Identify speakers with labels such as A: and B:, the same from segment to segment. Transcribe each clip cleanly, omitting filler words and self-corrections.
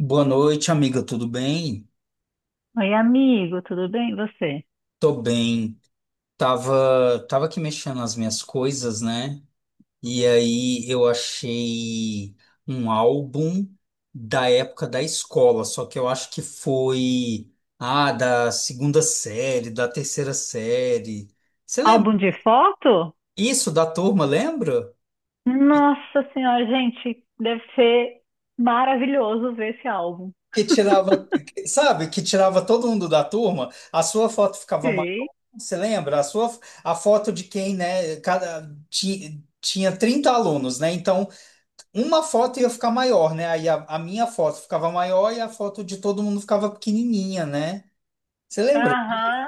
A: Boa noite, amiga, tudo bem?
B: Oi, amigo, tudo bem? E você?
A: Tô bem. Tava aqui mexendo nas minhas coisas, né? E aí eu achei um álbum da época da escola, só que eu acho que foi, da segunda série, da terceira série. Você lembra?
B: Álbum de foto?
A: Isso, da turma, lembra?
B: Nossa senhora, gente, deve ser maravilhoso ver esse álbum.
A: Sabe, que tirava todo mundo da turma, a sua foto ficava maior.
B: Sei.
A: Você lembra? A foto de quem, né? Tinha 30 alunos, né? Então, uma foto ia ficar maior, né? Aí a minha foto ficava maior e a foto de todo mundo ficava pequenininha, né? Você lembra?
B: Aham.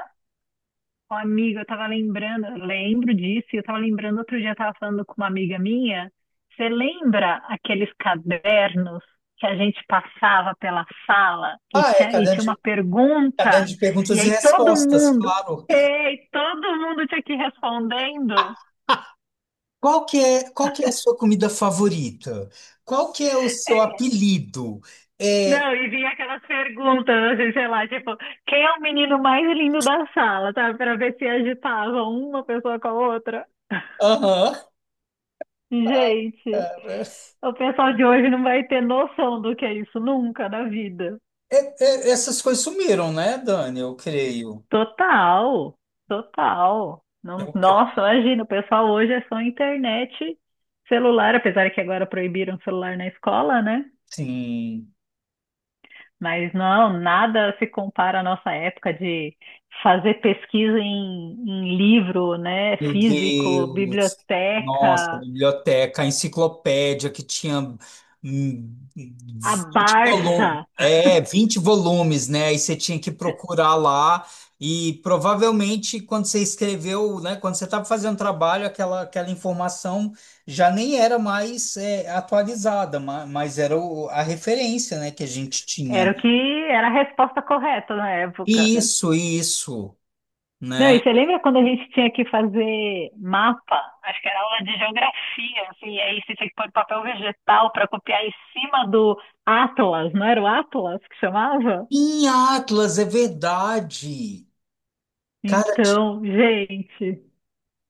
B: Ô, amigo, eu tava lembrando, eu lembro disso, e eu tava lembrando, outro dia eu tava falando com uma amiga minha. Você lembra aqueles cadernos que a gente passava pela sala e
A: Ah, é,
B: tinha, e tinha uma
A: caderno
B: pergunta,
A: de
B: e
A: perguntas e
B: aí todo
A: respostas,
B: mundo,
A: claro.
B: ei, todo mundo tinha que ir respondendo?
A: Qual que é a sua comida favorita? Qual que é o seu apelido? É,
B: Não, e vinha aquelas perguntas, assim, sei lá, tipo, quem é o menino mais lindo da sala, sabe? Pra ver se agitava uma pessoa com a outra.
A: aham.
B: Gente,
A: Cara.
B: o pessoal de hoje não vai ter noção do que é isso nunca na vida.
A: É- essas coisas sumiram, né, Dani? Eu creio.
B: Total, total. Não,
A: Eu creio.
B: nossa, imagina, o pessoal hoje é só internet, celular, apesar que agora proibiram celular na escola, né?
A: Sim.
B: Mas não, nada se compara à nossa época de fazer pesquisa em livro, né?
A: Meu
B: Físico,
A: Deus. Nossa, a
B: biblioteca,
A: biblioteca, a enciclopédia que tinha
B: a
A: 20 volumes,
B: Barça.
A: é, 20 volumes, né? Aí você tinha que procurar lá e provavelmente quando você escreveu, né, quando você estava fazendo trabalho, aquela informação já nem era mais atualizada, mas, a referência, né, que a gente
B: Era
A: tinha.
B: o que era a resposta correta na época.
A: Isso,
B: Não,
A: né?
B: e você lembra quando a gente tinha que fazer mapa? Acho que era aula de geografia, assim, e aí você tinha que pôr papel vegetal para copiar em cima do Atlas, não era o Atlas que chamava?
A: Em Atlas, é verdade. Cara, ti-
B: Então, gente,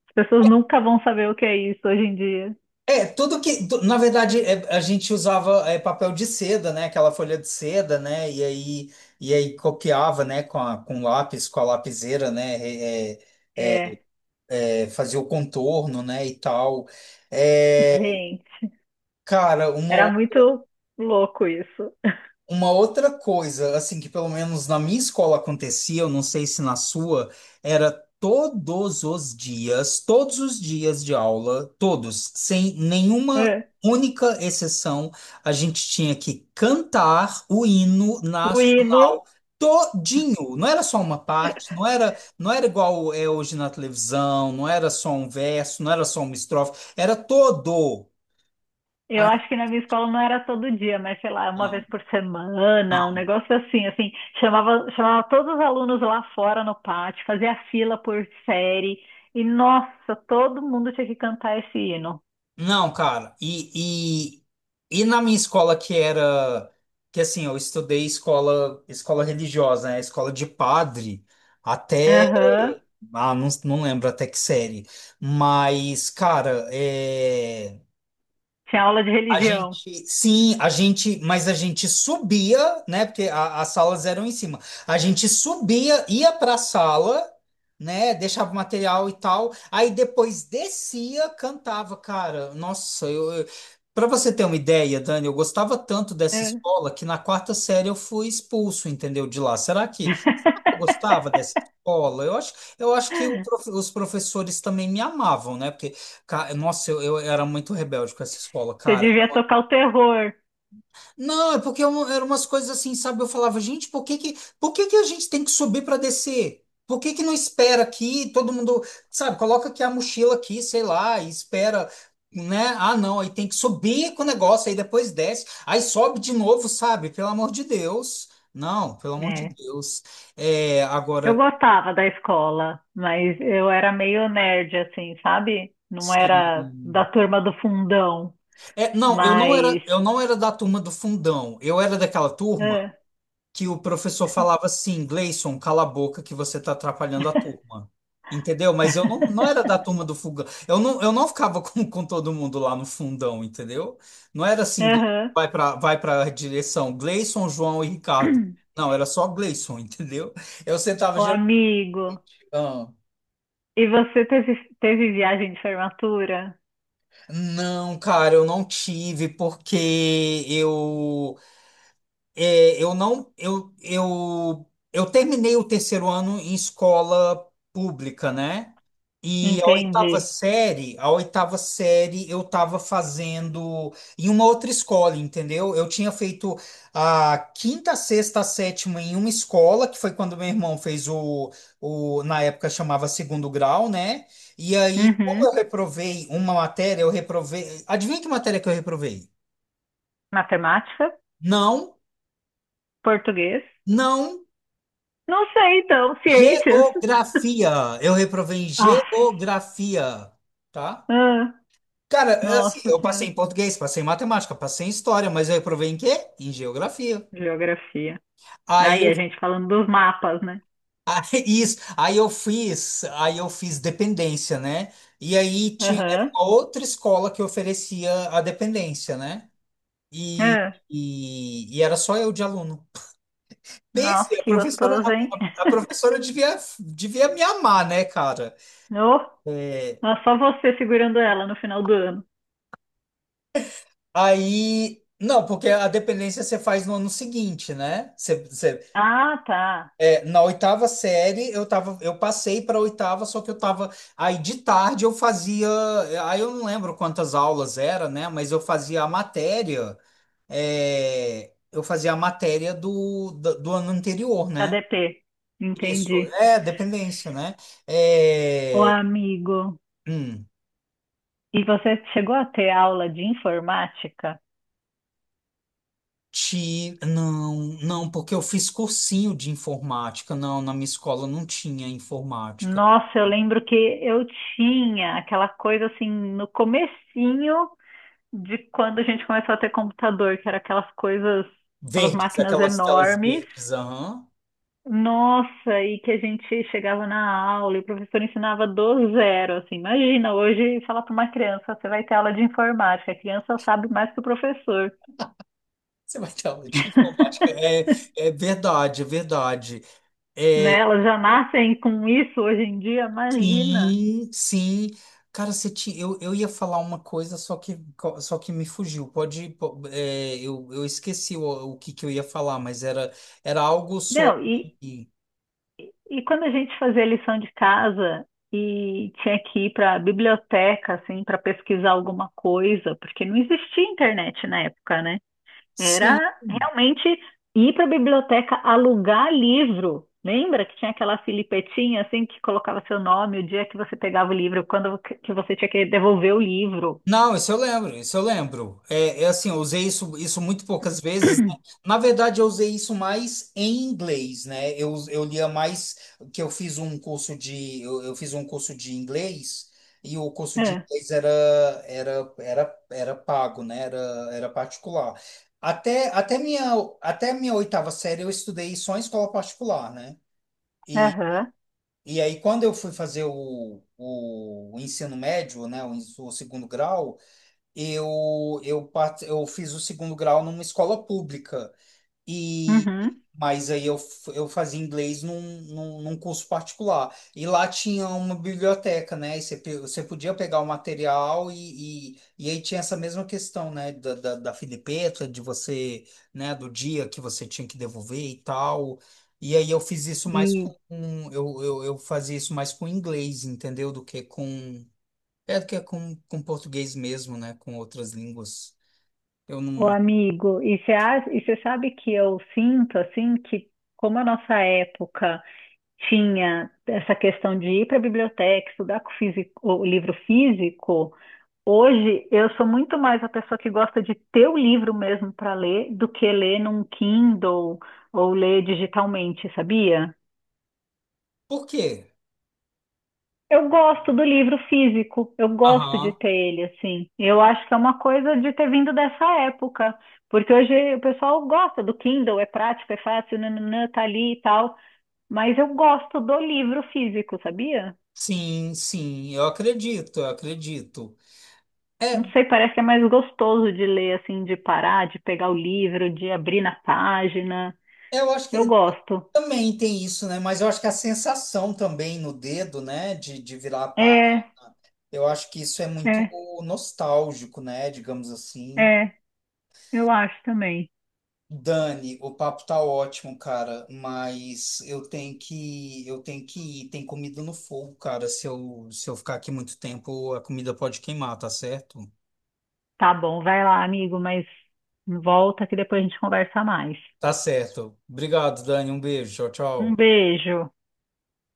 B: as pessoas nunca vão saber o que é isso hoje em dia.
A: é, na verdade, a gente usava papel de seda, né? Aquela folha de seda, né? E aí copiava, né? Com com lápis, com a lapiseira, né?
B: É,
A: É, fazia o contorno, né? E tal. É,
B: gente,
A: cara,
B: era
A: uma.
B: muito louco isso.
A: Uma outra coisa, assim, que pelo menos na minha escola acontecia, eu não sei se na sua, era todos os dias de aula, todos, sem nenhuma
B: É.
A: única exceção, a gente tinha que cantar o hino
B: O hino,
A: nacional todinho. Não era só uma parte, não era igual é hoje na televisão, não era só um verso, não era só uma estrofe, era todo.
B: eu
A: Ai,
B: acho que na minha escola não era todo dia, mas sei lá, uma vez
A: não.
B: por semana, um negócio assim, assim, chamava, chamava todos os alunos lá fora no pátio, fazia fila por série, e nossa, todo mundo tinha que cantar esse hino.
A: Não, cara, e na minha escola que era, que assim, eu estudei escola religiosa, né? Escola de padre, até,
B: Aham.
A: ah, não, não lembro até que série, mas, cara, é.
B: Tinha aula de religião.
A: A gente, mas a gente subia, né? Porque as salas eram em cima. A gente subia, ia para a sala, né? Deixava o material e tal. Aí depois descia, cantava, cara. Para você ter uma ideia, Dani, eu gostava tanto dessa
B: É.
A: escola que na quarta série eu fui expulso, entendeu? De lá. Será que eu gostava dessa escola? Eu acho que os professores também me amavam, né? Porque, nossa, eu era muito rebelde com essa escola,
B: Você
A: cara.
B: devia tocar o terror.
A: Não, é porque eram umas coisas assim, sabe? Eu falava, gente, por que que a gente tem que subir para descer? Por que que não espera aqui? Todo mundo, sabe, coloca aqui a mochila aqui, sei lá, e espera, né? Ah, não, aí tem que subir com o negócio, aí depois desce, aí sobe de novo, sabe? Pelo amor de Deus. Não, pelo amor de
B: É.
A: Deus. É,
B: Eu
A: agora,
B: gostava da escola, mas eu era meio nerd, assim, sabe? Não era da
A: sim.
B: turma do fundão,
A: É, não,
B: mas.
A: eu não era da turma do fundão. Eu era daquela turma.
B: É.
A: Que o professor falava assim, Gleison, cala a boca que você está atrapalhando a turma. Entendeu? Mas eu não, não era da turma do fogão. Eu não ficava com todo mundo lá no fundão, entendeu? Não era assim, Gleison,
B: Aham.
A: vai para a direção, Gleison, João e Ricardo. Não, era só Gleison, entendeu? Eu sentava
B: O
A: geralmente.
B: amigo.
A: Ah,
B: E você teve, teve viagem de formatura?
A: não, cara, eu não tive porque eu é, eu não, eu terminei o terceiro ano em escola pública, né? E
B: Entendi.
A: a oitava série eu estava fazendo em uma outra escola, entendeu? Eu tinha feito a quinta, sexta, a sétima em uma escola, que foi quando meu irmão fez o, na época chamava segundo grau, né? E aí, como eu
B: Uhum.
A: reprovei uma matéria, eu reprovei. Adivinha que matéria que eu reprovei?
B: Matemática?
A: Não,
B: Português?
A: não.
B: Não sei, então. Ciências?
A: Geografia. Eu reprovei em
B: Ah,
A: geografia, tá?
B: ah,
A: Cara, é assim,
B: nossa
A: eu passei
B: senhora.
A: em português, passei em matemática, passei em história, mas eu reprovei em quê? Em geografia.
B: Geografia.
A: Aí
B: Aí,
A: eu,
B: a gente falando dos mapas, né?
A: aí, isso, aí eu fiz dependência, né? E aí tinha era
B: Aham.
A: uma outra escola que oferecia a dependência, né? E, e era só eu de aluno.
B: Nossa,
A: Pense,
B: que gostoso, hein?
A: a professora devia, devia me amar, né, cara?
B: Ô,
A: É,
B: é só você segurando ela no final do ano.
A: aí, não, porque a dependência você faz no ano seguinte, né?
B: Ah, tá.
A: É, na oitava série eu passei para oitava, só que eu tava aí de tarde eu fazia, aí eu não lembro quantas aulas era, né? Mas eu fazia a matéria, é, eu fazia a matéria do ano anterior, né?
B: ADP.
A: Isso,
B: Entendi.
A: é dependência, né?
B: Ô,
A: É,
B: amigo,
A: hum.
B: e você chegou a ter aula de informática?
A: Não, não, porque eu fiz cursinho de informática. Não, na minha escola não tinha informática.
B: Nossa, eu lembro que eu tinha aquela coisa assim no comecinho de quando a gente começou a ter computador, que era aquelas coisas, aquelas
A: Verdes,
B: máquinas
A: aquelas telas
B: enormes.
A: verdes, aham.
B: Nossa, e que a gente chegava na aula e o professor ensinava do zero, assim. Imagina hoje falar para uma criança, você vai ter aula de informática, a criança sabe mais que o professor,
A: Você vai ter aula de informática. É, é verdade, é verdade. É,
B: né? Elas já nascem com isso hoje em dia, imagina.
A: sim, sim. Eu ia falar uma coisa, só que me fugiu. É, eu esqueci o que, que eu ia falar, mas era algo
B: Não,
A: sobre.
B: e quando a gente fazia lição de casa e tinha que ir para a biblioteca, assim, para pesquisar alguma coisa, porque não existia internet na época, né? Era
A: Sim.
B: realmente ir para a biblioteca alugar livro. Lembra que tinha aquela filipetinha assim que colocava seu nome, o dia que você pegava o livro, quando que você tinha que devolver o livro?
A: Não, isso eu lembro, isso eu lembro. É, é assim, eu usei isso muito poucas vezes. Né? Na verdade, eu usei isso mais em inglês, né? Eu lia mais que eu fiz um curso eu fiz um curso de inglês e o curso de
B: É,
A: inglês era pago, né? Era, era particular. Até até minha até minha oitava série eu estudei só em escola particular, né? E,
B: aham,
A: e aí, quando eu fui fazer o ensino médio, né, o segundo grau, eu fiz o segundo grau numa escola pública e
B: uhum.
A: mas aí eu, eu fazia inglês num curso particular e lá tinha uma biblioteca, né, e você podia pegar o material, e aí tinha essa mesma questão, né, da filipeta de você, né, do dia que você tinha que devolver e tal, e aí eu fiz isso mais
B: E,
A: com eu fazia isso mais com inglês, entendeu, do que com é que é com português mesmo, né? Com outras línguas. Eu
B: o
A: não.
B: amigo, e você sabe que eu sinto assim que como a nossa época tinha essa questão de ir para a biblioteca, estudar com o físico- o livro físico, hoje eu sou muito mais a pessoa que gosta de ter o livro mesmo para ler do que ler num Kindle ou ler digitalmente, sabia?
A: Por quê?
B: Eu gosto do livro físico, eu gosto de
A: Aham.
B: ter ele assim. Eu acho que é uma coisa de ter vindo dessa época, porque hoje o pessoal gosta do Kindle, é prático, é fácil, nananã, tá ali e tal, mas eu gosto do livro físico, sabia?
A: Sim, sim, eu acredito, eu acredito.
B: Não
A: É,
B: sei, parece que é mais gostoso de ler, assim, de parar, de pegar o livro, de abrir na página.
A: eu acho
B: Eu
A: que
B: gosto.
A: também tem isso, né? Mas eu acho que a sensação também no dedo, né? De virar a página.
B: É,
A: Eu acho que isso é muito
B: é,
A: nostálgico, né? Digamos assim.
B: é, eu acho também.
A: Dani, o papo tá ótimo, cara, mas eu tenho que ir, tem comida no fogo, cara. Se eu ficar aqui muito tempo, a comida pode queimar, tá certo?
B: Tá bom, vai lá, amigo, mas volta que depois a gente conversa mais.
A: Tá certo. Obrigado, Dani, um beijo. Tchau,
B: Um
A: tchau.
B: beijo.